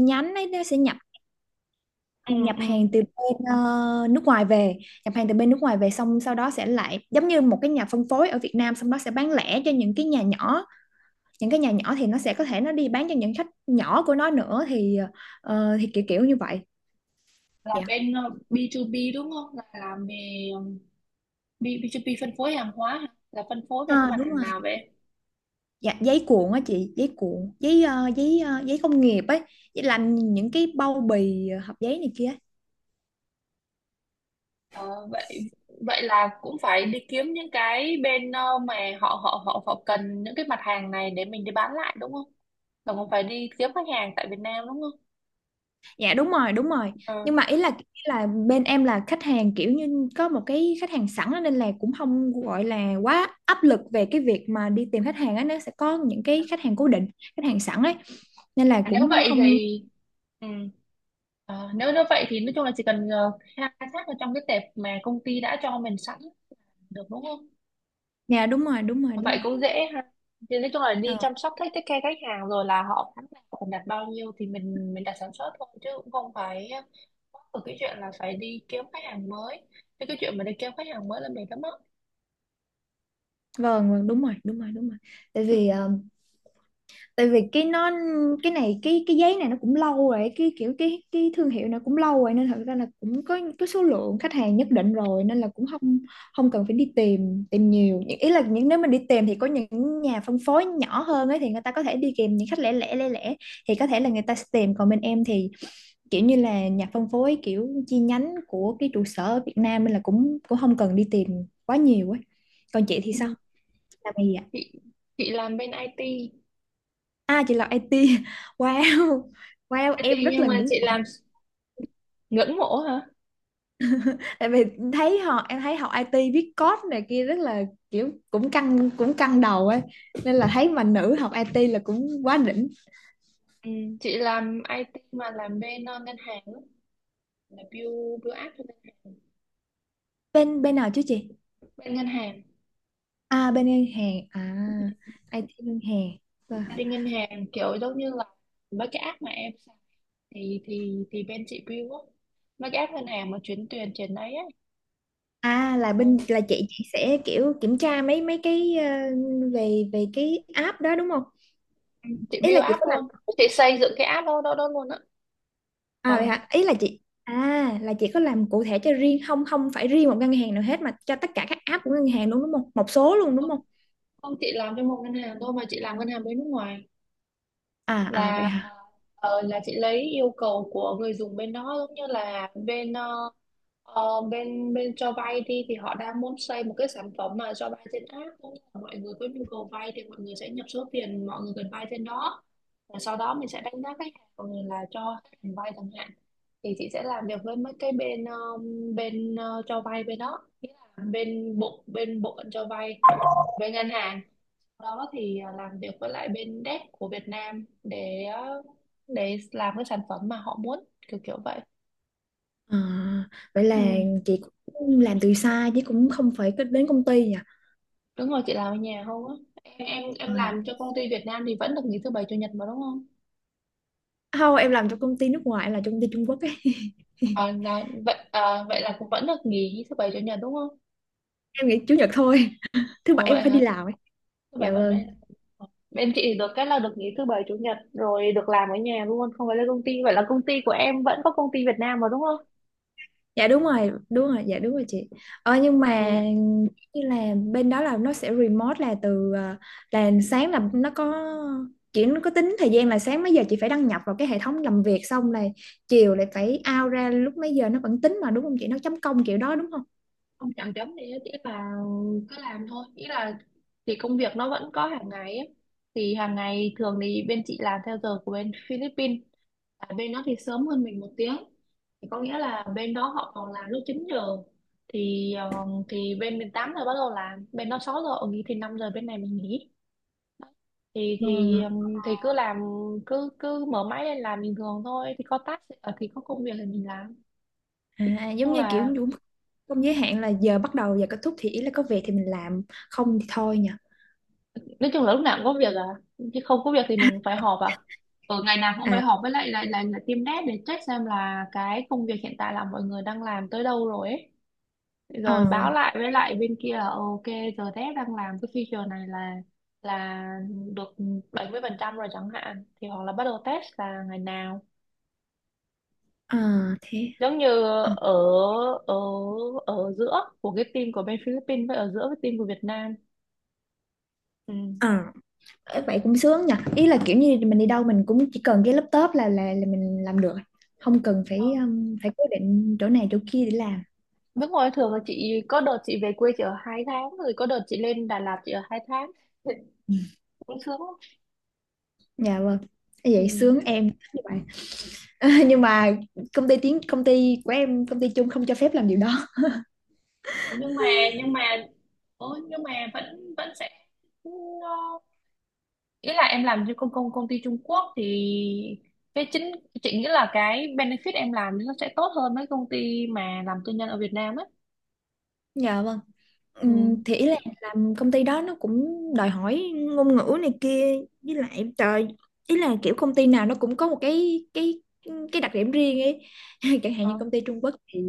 Nhánh ấy nó sẽ nhập ờ, ừ nhập ừ hàng từ bên nước ngoài về. Nhập hàng từ bên nước ngoài về, xong sau đó sẽ lại giống như một cái nhà phân phối ở Việt Nam, xong đó sẽ bán lẻ cho những cái nhà nhỏ. Những cái nhà nhỏ thì nó sẽ có thể nó đi bán cho những khách nhỏ của nó nữa thì thì kiểu kiểu như vậy. Là Dạ. bên B2B đúng không, là làm về B, B2B phân phối hàng hóa hả? Là phân phối về cái Ờ, mặt đúng hàng rồi. nào vậy? Dạ, giấy cuộn á chị, giấy cuộn, giấy giấy giấy công nghiệp ấy, giấy làm những cái bao bì hộp giấy này kia. Ờ, vậy vậy là cũng phải đi kiếm những cái bên mà họ họ họ họ cần những cái mặt hàng này để mình đi bán lại, đúng không? Là cũng phải đi kiếm khách hàng tại Việt Nam, đúng không? Dạ đúng rồi, đúng rồi. Ờ. Nhưng mà ý là bên em là khách hàng kiểu như có một cái khách hàng sẵn á, nên là cũng không gọi là quá áp lực về cái việc mà đi tìm khách hàng á, nó sẽ có những cái khách hàng cố định, khách hàng sẵn ấy. Nên là À, nếu cũng vậy không. thì ừ. Nếu vậy thì nói chung là chỉ cần khai thác ở trong cái tệp mà công ty đã cho mình sẵn được, đúng không? Dạ đúng rồi, đúng rồi, Vậy đúng rồi. cũng dễ ha. Thì nói chung là đi Ờ, chăm sóc khách, take care khách hàng, rồi là họ tháng nào còn đặt bao nhiêu thì mình đặt sản xuất thôi, chứ cũng không phải có một cái chuyện là phải đi kiếm khách hàng mới. Thế cái chuyện mà đi kiếm khách hàng mới là mệt lắm á. vâng, vâng đúng rồi, đúng rồi, đúng rồi. Tại vì tại vì cái nó cái này cái giấy này nó cũng lâu rồi, cái kiểu cái thương hiệu này cũng lâu rồi, nên thật ra là cũng có số lượng khách hàng nhất định rồi, nên là cũng không, không cần phải đi tìm tìm nhiều. Ý là những, nếu mình đi tìm thì có những nhà phân phối nhỏ hơn ấy thì người ta có thể đi kèm những khách lẻ lẻ lẻ lẻ, thì có thể là người ta sẽ tìm, còn bên em thì kiểu như là nhà phân phối kiểu chi nhánh của cái trụ sở ở Việt Nam, nên là cũng cũng không cần đi tìm quá nhiều ấy. Còn chị thì Ừ. sao, làm gì? Chị chị làm bên IT. À chị làm IT. Ờ, Wow. Wow, IT em rất nhưng là mà ngưỡng chị làm, mộ. ngưỡng mộ hả? Tại vì thấy họ, em thấy học IT viết code này kia rất là kiểu cũng căng, căng đầu ấy. Nên là thấy mà nữ học IT là cũng quá đỉnh. Ừ. Chị làm IT mà làm bên ngân hàng á, là build build app cho ngân hàng. Bên bên nào chứ chị? Bên ngân hàng, À bên ngân hàng. À IT ngân hàng. Vâng. đi ngân hàng kiểu giống như là mấy cái app mà em, thì bên chị build á, mấy cái app ngân hàng mà chuyến tiền chuyển đấy ấy. À là ờ, bên là chị sẽ kiểu kiểm tra mấy mấy cái về về cái app đó đúng không? chị Ý là build chị app có làm. luôn, chị xây dựng cái app đó đó, đó luôn á. ờ À vậy hả? Ý là chị, à là chị có làm cụ thể cho riêng, không, không phải riêng một ngân hàng nào hết mà cho tất cả các app của ngân hàng luôn đúng không? Một số luôn đúng không không? không chị làm cho một ngân hàng thôi, mà chị làm ngân hàng bên nước ngoài. À à vậy Là hả? Là chị lấy yêu cầu của người dùng bên đó, giống như là bên bên bên cho vay đi, thì họ đang muốn xây một cái sản phẩm mà cho vay trên app, cũng như là mọi người có nhu cầu vay thì mọi người sẽ nhập số tiền mọi người cần vay trên đó, và sau đó mình sẽ đánh giá khách hàng của người là cho khách hàng vay chẳng hạn. Thì chị sẽ làm việc với mấy cái bên bên cho vay bên đó, nghĩa là bên bộ phận cho vay bên ngân hàng đó. Thì à, làm việc với lại bên dev của Việt Nam để để làm cái sản phẩm mà họ muốn, kiểu kiểu vậy. À, vậy là Ừ. chị cũng làm từ xa chứ cũng không phải cứ đến công ty nhỉ? Đúng rồi, chị làm ở nhà không á. em em Ờ. em làm cho công ty Việt Nam thì vẫn được nghỉ thứ bảy chủ nhật mà, đúng không? Không, em làm cho công ty nước ngoài, em làm cho công ty Trung Quốc ấy. À, là, vậy à, vậy là cũng vẫn được nghỉ thứ bảy chủ nhật đúng không? Em nghỉ chủ nhật thôi, thứ Ồ bảy vậy em phải hả, đi làm ấy. thứ Dạ bảy vẫn. bên vâng. bên chị thì được cái là được nghỉ thứ bảy chủ nhật rồi, được làm ở nhà luôn, không phải lên công ty. Vậy là công ty của em vẫn có công ty Việt Nam mà, đúng không? Dạ đúng rồi, đúng rồi, dạ đúng rồi chị. Ờ nhưng mà Ừ. như là bên đó là nó sẽ remote là từ là sáng là nó có, chỉ nó có tính thời gian là sáng mấy giờ chị phải đăng nhập vào cái hệ thống làm việc, xong là chiều lại phải out ra lúc mấy giờ, nó vẫn tính mà đúng không chị, nó chấm công kiểu đó đúng không? Không, chẳng chấm gì hết, ý là cứ làm thôi, ý là thì công việc nó vẫn có hàng ngày ấy. Thì hàng ngày thường thì bên chị làm theo giờ của bên Philippines. À, bên đó thì sớm hơn mình 1 tiếng, thì có nghĩa là bên đó họ còn làm lúc 9 giờ. Thì thì bên mình 8 giờ bắt đầu làm, bên đó 6 giờ ở nghỉ thì 5 giờ bên này mình nghỉ. Thì cứ làm, cứ cứ mở máy lên làm bình thường thôi. Thì có task, thì có công việc thì mình làm. Ờ, à, giống chung như kiểu là đúng không, giới hạn là giờ bắt đầu giờ kết thúc, thì ý là có việc thì mình làm, không thì thôi nhỉ. nói chung là lúc nào cũng có việc à, chứ không có việc thì mình phải họp à. Ở ngày nào cũng phải à họp với lại lại lại là team dev để check xem là cái công việc hiện tại là mọi người đang làm tới đâu rồi ấy. ờ Rồi báo lại với lại bên kia là "Ờ, ok, giờ dev đang làm cái feature này là được 70% rồi chẳng hạn, thì hoặc là bắt đầu test là ngày nào." ờ thế Giống như ờ ở ở ở giữa của cái team của bên Philippines với ở giữa cái team của Việt Nam. ờ Ê, vậy cũng sướng nhỉ, ý là kiểu như mình đi đâu mình cũng chỉ cần cái laptop là là mình làm được, không cần Ừ. phải phải cố định chỗ này chỗ kia để làm. Nước ngoài, thường là chị có đợt chị về quê chỉ ở 2 tháng, rồi có đợt chị lên Đà Lạt chỉ ở 2 tháng, cũng sướng lắm. Dạ vâng. Ê, Ừ. vậy sướng, em thích như vậy. Nhưng mà công ty tiếng, công ty của em, công ty chung không cho phép làm điều đó. nhưng mà nhưng mà nhưng mà vẫn vẫn sẽ nó- ý là em làm cho công công công ty Trung Quốc thì cái chính chị nghĩ là cái benefit em làm nó sẽ tốt hơn mấy công ty mà làm tư nhân ở Việt Nam á. Dạ vâng. Thì Ừ. ý là làm công ty đó nó cũng đòi hỏi ngôn ngữ này kia, với lại trời, ý là kiểu công ty nào nó cũng có một cái đặc điểm riêng ấy. Chẳng hạn như Ờ. công ty Trung Quốc thì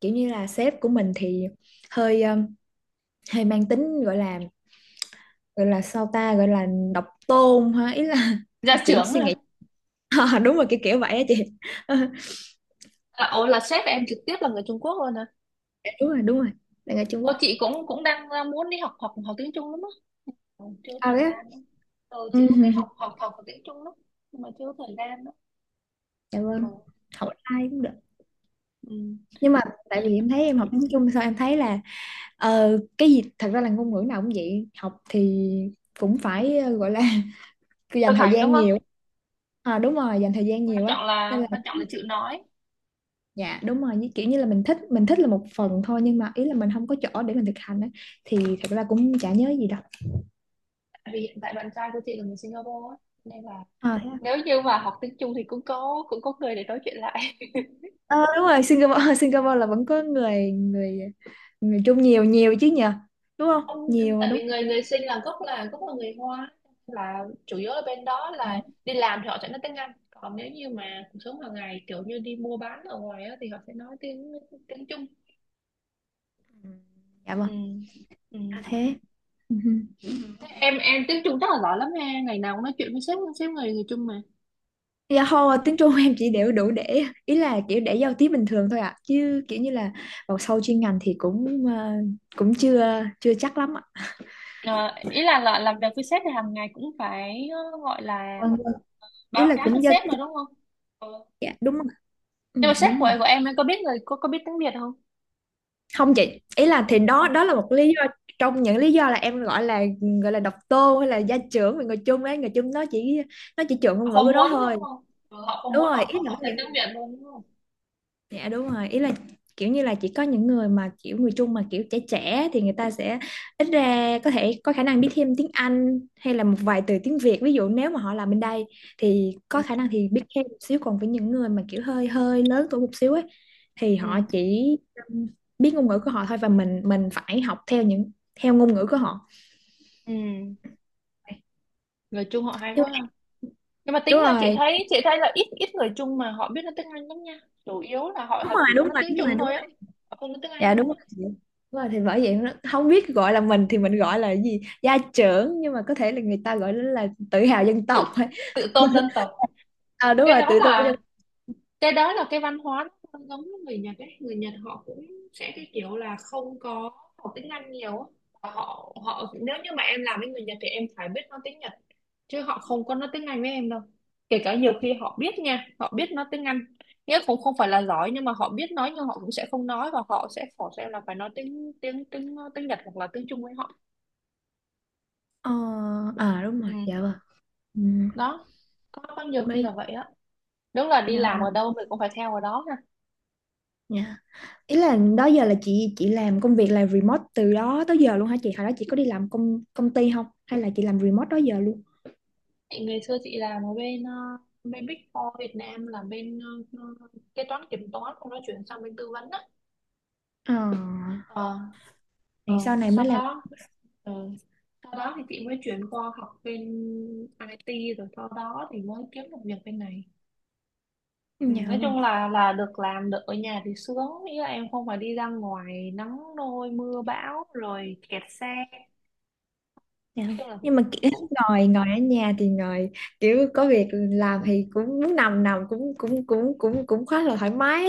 kiểu như là sếp của mình thì hơi hơi mang tính gọi là, gọi là sao ta, gọi là độc tôn ha, ý là Gia chỉ trưởng suy hả? nghĩ. Ờ, đúng rồi kiểu kiểu vậy á chị. À, ồ là sếp em trực tiếp là người Trung Quốc luôn hả? Dạ, đúng rồi đúng rồi, đang ở Trung Ô, Quốc. chị cũng cũng đang muốn đi học học học tiếng Trung lắm á. Ừ, chưa À thời đấy á. gian đó. Ừ, chị Ừ, cũng thích ừ, học ừ. học học và tiếng Trung lắm, nhưng mà chưa thời gian đó. Dạ vâng. Ừ. Học ai cũng được, Ừ. nhưng mà tại vì em thấy em học tiếng Trung sao em thấy là cái gì thật ra là ngôn ngữ nào cũng vậy, học thì cũng phải gọi là cứ dành Thực thời hành đúng gian không? nhiều. À, đúng rồi, dành thời gian Quan nhiều ấy, trọng nên là, là. quan trọng là chịu nói. Dạ đúng rồi, kiểu như là mình thích, mình thích là một phần thôi, nhưng mà ý là mình không có chỗ để mình thực hành á, thì thật ra cũng chả nhớ gì đâu. Tại vì hiện tại bạn trai của chị là người Singapore á, nên là, À, thế à. nếu như mà học tiếng Trung thì cũng có, cũng có người để nói chuyện lại. Ờ, đúng rồi Singapore. Singapore là vẫn có người, người Trung nhiều, nhiều chứ nhờ, đúng không, Không, nhiều mà tại đúng. vì người người sinh là gốc, là gốc là người Hoa, là chủ yếu ở bên đó là đi làm thì họ sẽ nói tiếng Anh. Còn nếu như mà cuộc sống hàng ngày kiểu như đi mua bán ở ngoài á, thì họ sẽ nói tiếng tiếng Trung. Ừ, dạ Ừ. vâng. Ừ. À, thế. Ừ. Thế em tiếng Trung chắc là giỏi lắm ha, ngày nào cũng nói chuyện với sếp sếp người người Trung mà. Dạ thôi, tiếng Trung em chỉ đều đủ để, ý là kiểu để giao tiếp bình thường thôi ạ. À chứ kiểu như là vào sâu chuyên ngành thì cũng cũng chưa chưa chắc lắm ạ. Ờ, ý là làm việc với sếp thì hàng ngày cũng phải gọi là Vâng vâng. Ý báo là cáo cho cũng giao sếp mà đúng tiếp. không? Ừ. Dạ đúng rồi. Ừ, Nhưng mà dạ sếp đúng của rồi. em có biết người cô không? Không chị, ý là thì đó Không, đó là một lý do, trong những lý do là em gọi là, gọi là độc tôn hay là gia trưởng về người chung ấy, người chung nó chỉ, nó chỉ trượng họ ngôn ngữ không của muốn nó thôi. đúng không. Ừ, họ không Đúng muốn, họ rồi, ý họ, là nó. họ thêm tiếng Việt luôn đúng không. Dạ đúng rồi, ý là kiểu như là chỉ có những người mà kiểu người Trung mà kiểu trẻ trẻ thì người ta sẽ ít ra có thể có khả năng biết thêm tiếng Anh hay là một vài từ tiếng Việt. Ví dụ nếu mà họ làm bên đây thì có Ừ, khả năng thì biết thêm một xíu, còn với những người mà kiểu hơi hơi lớn tuổi một xíu ấy thì họ ừ, chỉ um, biết ngôn ngữ của họ thôi, và mình phải học theo theo ngôn ngữ của họ. ừ. Người Trung họ hay quá ha. Nhưng mà tính Đúng ra chị rồi, thấy, chị thấy là ít ít người Trung mà họ biết nói tiếng Anh lắm nha. Chủ yếu là họ đúng họ rồi, chỉ có đúng nói rồi, tiếng đúng Trung rồi, đúng thôi rồi. á. Họ không nói tiếng Anh Dạ đúng luôn á. rồi chị. Đúng rồi thì bởi vậy nó không biết gọi là, mình thì mình gọi là cái gì gia trưởng, nhưng mà có thể là người ta gọi nó là tự hào dân Tự, tộc thôi. tự tôn dân tộc. À đúng Cái rồi, đó tự tôn là, dân. cái đó là cái văn hóa nó không giống với người Nhật ấy, người Nhật họ cũng sẽ cái kiểu là không có học tiếng Anh nhiều á. Và họ họ nếu như mà em làm với người Nhật thì em phải biết nói tiếng Nhật, chứ họ không có nói tiếng Anh với em đâu. Kể cả nhiều khi họ biết nha, họ biết nói tiếng Anh, nghĩa cũng không phải là giỏi, nhưng mà họ biết nói. Nhưng họ cũng sẽ không nói, và họ sẽ force em là phải nói tiếng tiếng tiếng tiếng Nhật hoặc là tiếng Trung với họ. ờ, à đúng rồi Ừ. dạ vâng. Ừ. Đó. Có nhiều khi Mấy, là vậy á. Đúng là đi dạ làm vâng. ở đâu mình cũng phải theo ở đó. Dạ, ý là đó giờ là chị làm công việc là remote từ đó tới giờ luôn hả chị, hồi đó chị có đi làm công công ty không, hay là chị làm remote đó giờ luôn? Chị ngày xưa chị làm ở bên bên Big Four Việt Nam, là bên ờ, ờ, kế toán kiểm toán, xong nó chuyển sang bên tư vấn á. Ờ Ờ. Ờ. thì sau này mới Sau làm. đó, ờ, sau đó thì chị mới chuyển qua học bên IT, rồi sau đó thì mới kiếm được việc bên này. Ừ, Dạ nói vâng. chung là được, làm được ở nhà thì sướng, nghĩa là em không phải đi ra ngoài nắng nôi mưa bão rồi kẹt xe. Nói Dạ. chung là Nhưng cũng mà kiểu cũng ngồi ngồi ở nhà thì ngồi kiểu có việc làm thì cũng muốn nằm nằm cũng cũng cũng cũng cũng khá là thoải mái.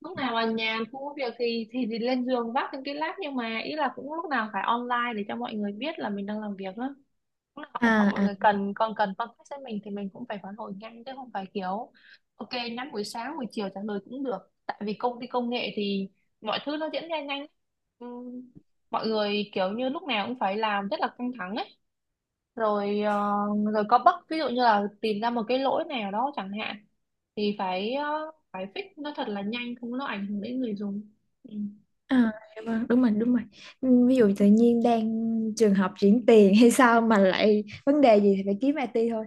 lúc nào mà nhàn, cũng có việc thì lên giường vác những cái lát. Nhưng mà ý là cũng lúc nào phải online để cho mọi người biết là mình đang làm việc đó. Lúc nào họ họ- à mọi à người cần còn cần contact với mình thì mình cũng phải phản hồi nhanh, chứ không phải kiểu ok nhắn buổi sáng, buổi chiều trả lời cũng được. Tại vì công ty công nghệ thì mọi thứ nó diễn ra nhanh. Ừm, mọi người kiểu như lúc nào cũng phải làm rất là căng thẳng ấy. Rồi rồi có bug, ví dụ như là tìm ra một cái lỗi nào đó chẳng hạn, thì phải phải fix nó thật là nhanh, không nó ảnh hưởng đến người dùng. Ừ, à dạ vâng, đúng rồi đúng rồi. Ừ, ví dụ tự nhiên đang trường học chuyển tiền hay sao mà lại vấn đề gì thì phải kiếm IT thôi,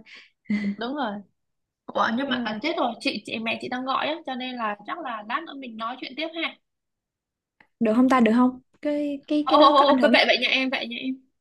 đúng rồi. Ủa, nhưng mà đúng à, rồi. chết rồi, chị mẹ chị đang gọi á, cho nên là chắc là lát nữa mình nói chuyện tiếp ha. Được không ta, được không, cái cái Ô cái ô đó ô, có ô, ảnh cứ hưởng vậy vậy nha em, vậy nha em.